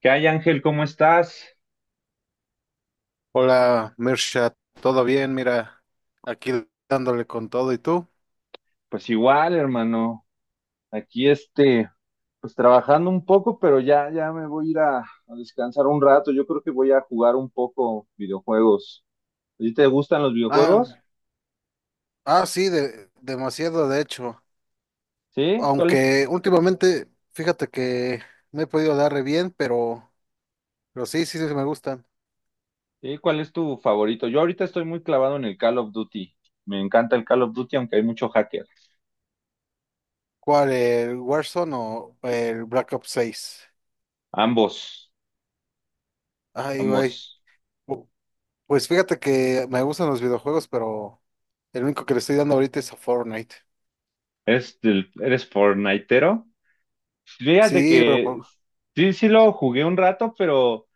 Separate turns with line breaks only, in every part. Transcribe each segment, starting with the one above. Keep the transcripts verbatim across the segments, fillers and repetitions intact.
¿Qué hay, Ángel? ¿Cómo estás?
Hola, Mirsha, ¿todo bien? Mira, aquí dándole con todo, ¿y tú?
Pues igual, hermano. Aquí este, pues trabajando un poco, pero ya, ya me voy a ir a, a descansar un rato. Yo creo que voy a jugar un poco videojuegos. ¿A ti te gustan los
Ah,
videojuegos?
ah, sí, de- demasiado, de hecho.
¿Sí? ¿Cuál es,
Aunque últimamente, fíjate que me he podido dar re bien, pero, pero sí, sí, sí me gustan.
sí, ¿cuál es tu favorito? Yo ahorita estoy muy clavado en el Call of Duty. Me encanta el Call of Duty, aunque hay mucho hacker.
¿Cuál, el Warzone o el Black Ops seis?
Ambos,
Ay, güey.
ambos.
Pu- Pues fíjate que me gustan los videojuegos, pero el único que le estoy dando ahorita es a Fortnite.
¿Eres, del, ¿eres fortnitero? Fíjate
Sí, pero
que
pero
sí, sí lo jugué un rato, pero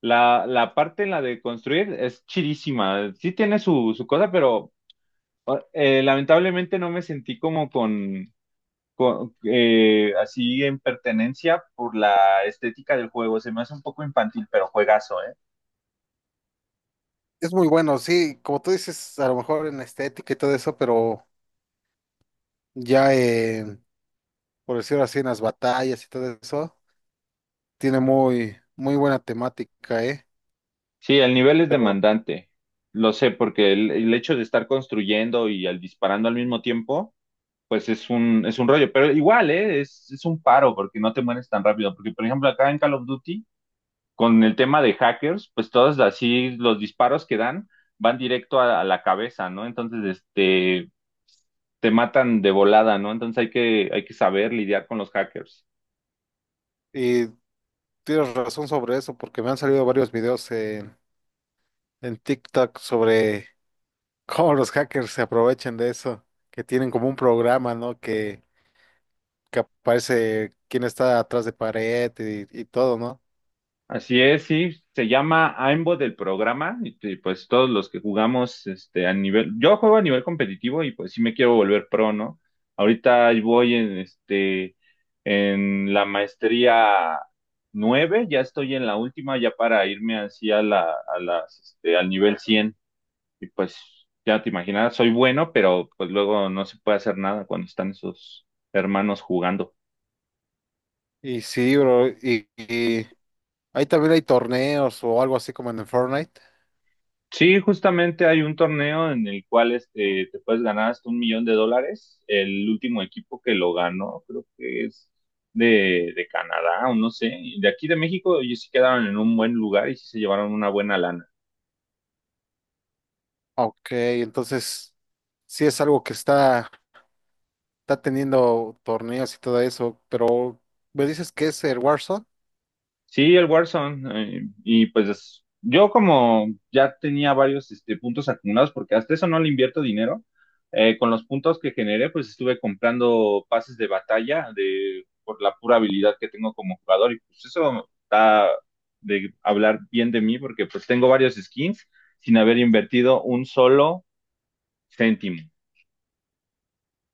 la, la parte en la de construir es chidísima. Sí tiene su, su cosa, pero eh, lamentablemente no me sentí como con, con, eh, así en pertenencia por la estética del juego. Se me hace un poco infantil, pero juegazo, ¿eh?
es muy bueno, sí, como tú dices, a lo mejor en la estética y todo eso, pero ya en, por decirlo así, en las batallas y todo eso, tiene muy, muy buena temática, ¿eh?
Sí, el nivel es
Pero,
demandante. Lo sé, porque el, el hecho de estar construyendo y al disparando al mismo tiempo. Pues es un, es un rollo, pero igual, ¿eh? Es, es un paro porque no te mueres tan rápido, porque por ejemplo acá en Call of Duty, con el tema de hackers, pues todos así los disparos que dan van directo a, a la cabeza, ¿no? Entonces, este, te matan de volada, ¿no? Entonces hay que, hay que saber lidiar con los hackers.
y tienes razón sobre eso, porque me han salido varios videos en, en TikTok sobre cómo los hackers se aprovechan de eso, que tienen como un programa, ¿no? Que, que aparece quién está atrás de pared y, y todo, ¿no?
Así es, sí, se llama AIMBot del programa y, y, pues todos los que jugamos este a nivel, yo juego a nivel competitivo y pues sí me quiero volver pro, ¿no? Ahorita ahí voy en este en la maestría nueve. Ya estoy en la última ya para irme así a la a las este al nivel cien y pues ya te imaginas, soy bueno, pero pues luego no se puede hacer nada cuando están esos hermanos jugando.
Y sí, bro, y, y ahí también hay torneos o algo así como en el Fortnite.
Sí, justamente hay un torneo en el cual este, te puedes ganar hasta un millón de dólares. El último equipo que lo ganó, creo que es de, de Canadá o no sé. Y de aquí de México, ellos sí quedaron en un buen lugar y sí se llevaron una buena lana.
Ok, entonces sí es algo que está está teniendo torneos y todo eso, pero me dices que es el Warzone
Sí, el Warzone. Eh, y pues yo como ya tenía varios este, puntos acumulados, porque hasta eso no le invierto dinero, eh, con los puntos que generé, pues estuve comprando pases de batalla de, por la pura habilidad que tengo como jugador. Y pues eso está de hablar bien de mí, porque pues tengo varios skins sin haber invertido un solo céntimo.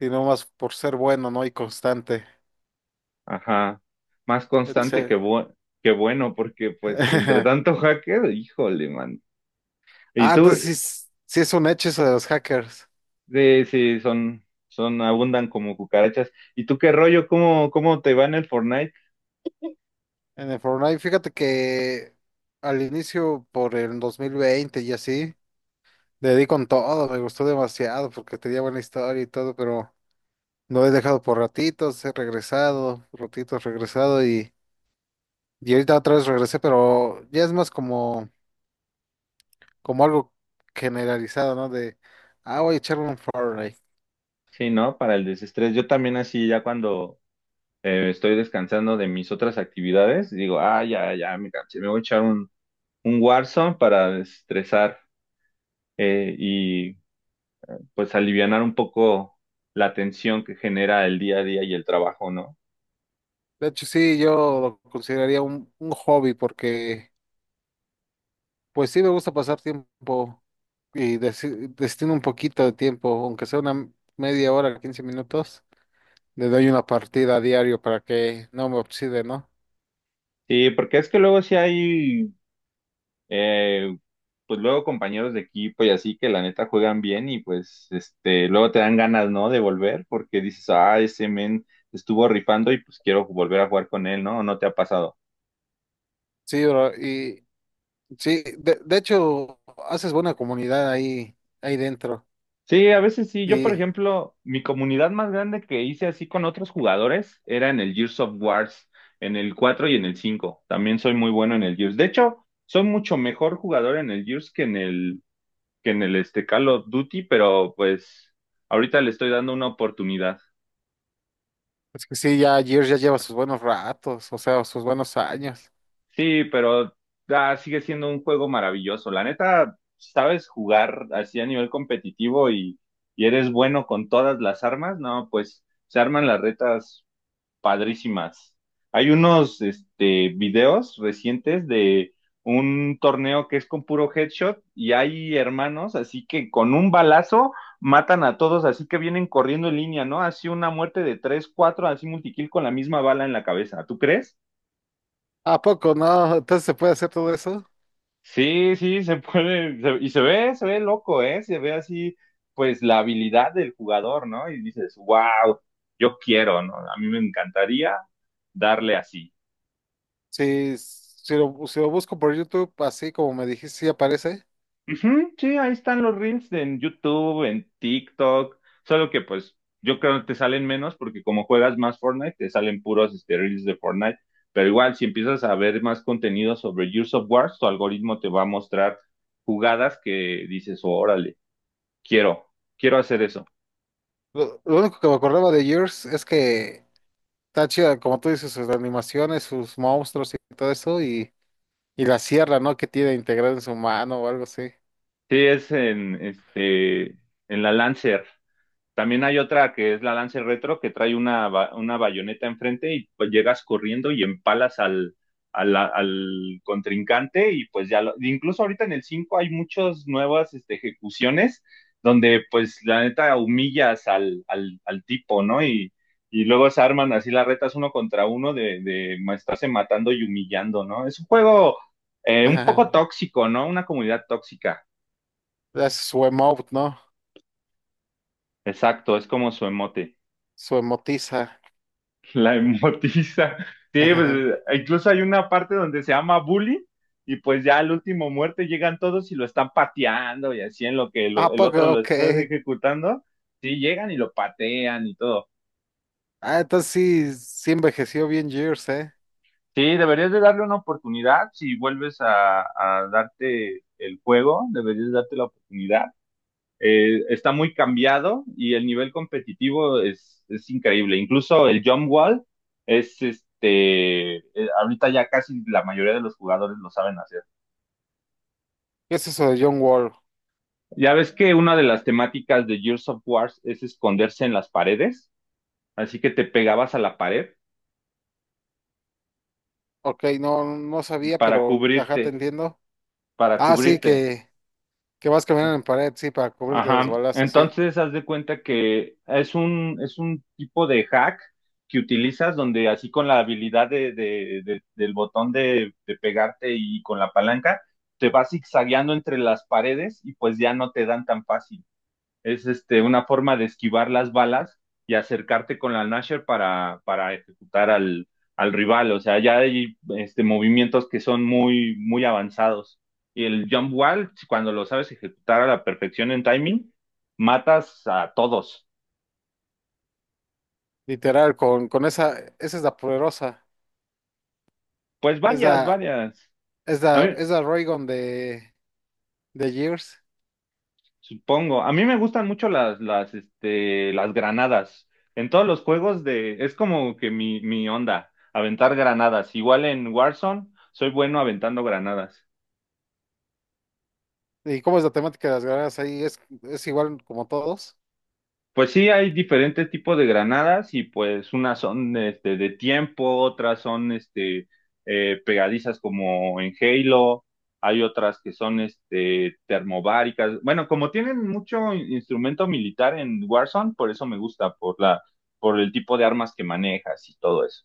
y no más por ser bueno, ¿no? Y constante,
Ajá. Más constante que,
etcétera.
bu- que bueno, porque pues entre tanto hacker, híjole, man. ¿Y
Ah,
tú?
entonces sí, es sí es un hecho eso de los hackers
Sí, sí, son, son, abundan como cucarachas. ¿Y tú qué rollo? ¿Cómo, cómo te va en el Fortnite?
en el Fortnite. Fíjate que al inicio, por el dos mil veinte y así, le di con todo, me gustó demasiado porque tenía buena historia y todo, pero no he dejado por ratitos, he regresado, ratitos regresado y, y ahorita otra vez regresé, pero ya es más como como algo generalizado, ¿no? De, ah, voy a echarme un Fortnite.
Sí, ¿no? Para el desestrés. Yo también así, ya cuando eh, estoy descansando de mis otras actividades, digo, ah, ya, ya, me cansé, me voy a echar un, un Warzone para desestresar eh, y pues alivianar un poco la tensión que genera el día a día y el trabajo, ¿no?
De hecho, sí, yo lo consideraría un, un hobby porque, pues sí, me gusta pasar tiempo y desi- destino un poquito de tiempo, aunque sea una media hora, quince minutos, le doy una partida a diario para que no me oxide, ¿no?
Sí, porque es que luego sí hay Eh, pues luego compañeros de equipo y así que la neta juegan bien y pues este, luego te dan ganas, ¿no? De volver porque dices, ah, ese men estuvo rifando y pues quiero volver a jugar con él, ¿no? ¿No te ha pasado?
Sí, bro, y sí, de, de hecho, haces buena comunidad ahí, ahí dentro.
Sí, a veces sí. Yo, por
Y
ejemplo, mi comunidad más grande que hice así con otros jugadores era en el Gears of Wars, en el cuatro y en el cinco. También soy muy bueno en el Gears. De hecho, soy mucho mejor jugador en el Gears que en el, que en el este Call of Duty, pero pues ahorita le estoy dando una oportunidad.
es que sí, ya Gears ya lleva sus buenos ratos, o sea, sus buenos años.
Sí, pero ah, sigue siendo un juego maravilloso. La neta, sabes jugar así a nivel competitivo y, y eres bueno con todas las armas, no, pues se arman las retas padrísimas. Hay unos este, videos recientes de un torneo que es con puro headshot y hay hermanos así que con un balazo matan a todos, así que vienen corriendo en línea, ¿no? Así una muerte de tres, cuatro, así multikill con la misma bala en la cabeza. ¿Tú crees?
¿A poco no? Entonces se puede hacer todo eso.
Sí, sí, se puede, se- y se ve, se ve loco, ¿eh? Se ve así, pues, la habilidad del jugador, ¿no? Y dices, wow, yo quiero, ¿no? A mí me encantaría darle así.
Si, si lo, si lo busco por YouTube, así como me dijiste, sí aparece.
Ujú, sí, ahí están los reels en YouTube, en TikTok, solo que, pues, yo creo que te salen menos porque como juegas más Fortnite, te salen puros este, reels de Fortnite, pero igual, si empiezas a ver más contenido sobre Gears of War, tu algoritmo te va a mostrar jugadas que dices, órale, quiero, quiero hacer eso.
Lo, lo único que me acordaba de Yours es que está chida, como tú dices, sus animaciones, sus monstruos y todo eso, y, y la sierra, ¿no? Que tiene integrada en su mano o algo así.
Sí, es en, este, en la Lancer. También hay otra que es la Lancer Retro que trae una, ba- una bayoneta enfrente y pues llegas corriendo y empalas al, al, al contrincante y pues ya lo- incluso ahorita en el cinco hay muchas nuevas este, ejecuciones donde pues la neta humillas al, al, al tipo, ¿no? Y, y luego se arman así las retas uno contra uno de, de ma- estarse matando y humillando, ¿no? Es un juego eh, un
Ajá.
poco tóxico, ¿no? Una comunidad tóxica.
Es su emote, ¿no?
Exacto, es como su emote.
Su emotiza.
La emotiza. Sí,
Ajá.
pues, incluso hay una parte donde se llama Bully y pues ya al último muerte llegan todos y lo están pateando y así en lo que lo-
¿A
el otro
poco?
lo
Ok.
está ejecutando. Sí, llegan y lo patean y todo.
Ah, entonces sí, sí envejeció bien Years, ¿eh?
Sí, deberías de darle una oportunidad si vuelves a, a darte el juego, deberías darte la oportunidad. Eh, está muy cambiado y el nivel competitivo es, es increíble. Incluso el jump wall es este, eh, ahorita ya casi la mayoría de los jugadores lo saben hacer.
¿Qué es eso de John Wall?
Ya ves que una de las temáticas de Gears of War es esconderse en las paredes, así que te pegabas a la pared
Ok, no, no sabía,
para
pero ajá, te
cubrirte,
entiendo.
para
Ah, sí,
cubrirte.
que, que vas caminando en pared, sí, para cubrirte de los
Ajá,
balazos, sí.
entonces haz de cuenta que es un, es un tipo de hack que utilizas donde así con la habilidad de, de- de- del botón de, de pegarte y con la palanca, te vas zigzagueando entre las paredes y pues ya no te dan tan fácil es este, una forma de esquivar las balas y acercarte con la Nasher para, para ejecutar al, al rival. O sea, ya hay este, movimientos que son muy, muy avanzados. Y el jump wall, cuando lo sabes ejecutar a la perfección en timing, matas a todos.
Literal, con, con esa, esa es la poderosa.
Pues
Es
varias,
la,
varias.
es
A mí,
la, es la Raygun de, de Gears.
supongo. A mí me gustan mucho las, las, este, las granadas. En todos los juegos de... Es como que mi, mi onda, aventar granadas. Igual en Warzone, soy bueno aventando granadas.
¿Y cómo es la temática de las guerras ahí? ¿Es, es igual como todos?
Pues sí, hay diferentes tipos de granadas y pues unas son este, de tiempo, otras son este, eh, pegadizas como en Halo, hay otras que son este, termobáricas. Bueno, como tienen mucho in- instrumento militar en Warzone, por eso me gusta, por la, por el tipo de armas que manejas y todo eso.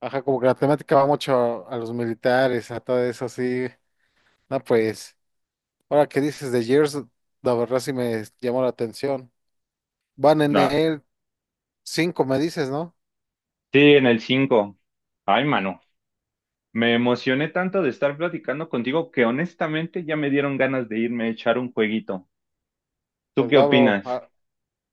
Ajá, como que la temática va mucho a, a los militares, a todo eso, sí. No, pues, ahora que dices de Gears, la verdad sí me llamó la atención. Van en
Ah,
el cinco me dices, ¿no?
sí, en el cinco. Ay, mano, me emocioné tanto de estar platicando contigo que honestamente ya me dieron ganas de irme a echar un jueguito. ¿Tú
Pues
qué
va, bro,
opinas?
a-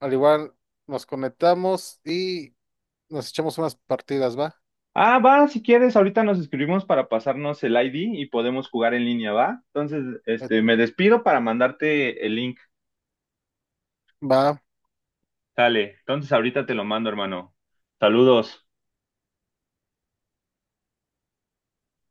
al igual nos conectamos y nos echamos unas partidas, ¿va?
Ah, va, si quieres, ahorita nos escribimos para pasarnos el I D y podemos jugar en línea, ¿va? Entonces,
Eh,
este, me despido para mandarte el link.
va,
Sale, entonces ahorita te lo mando, hermano. Saludos.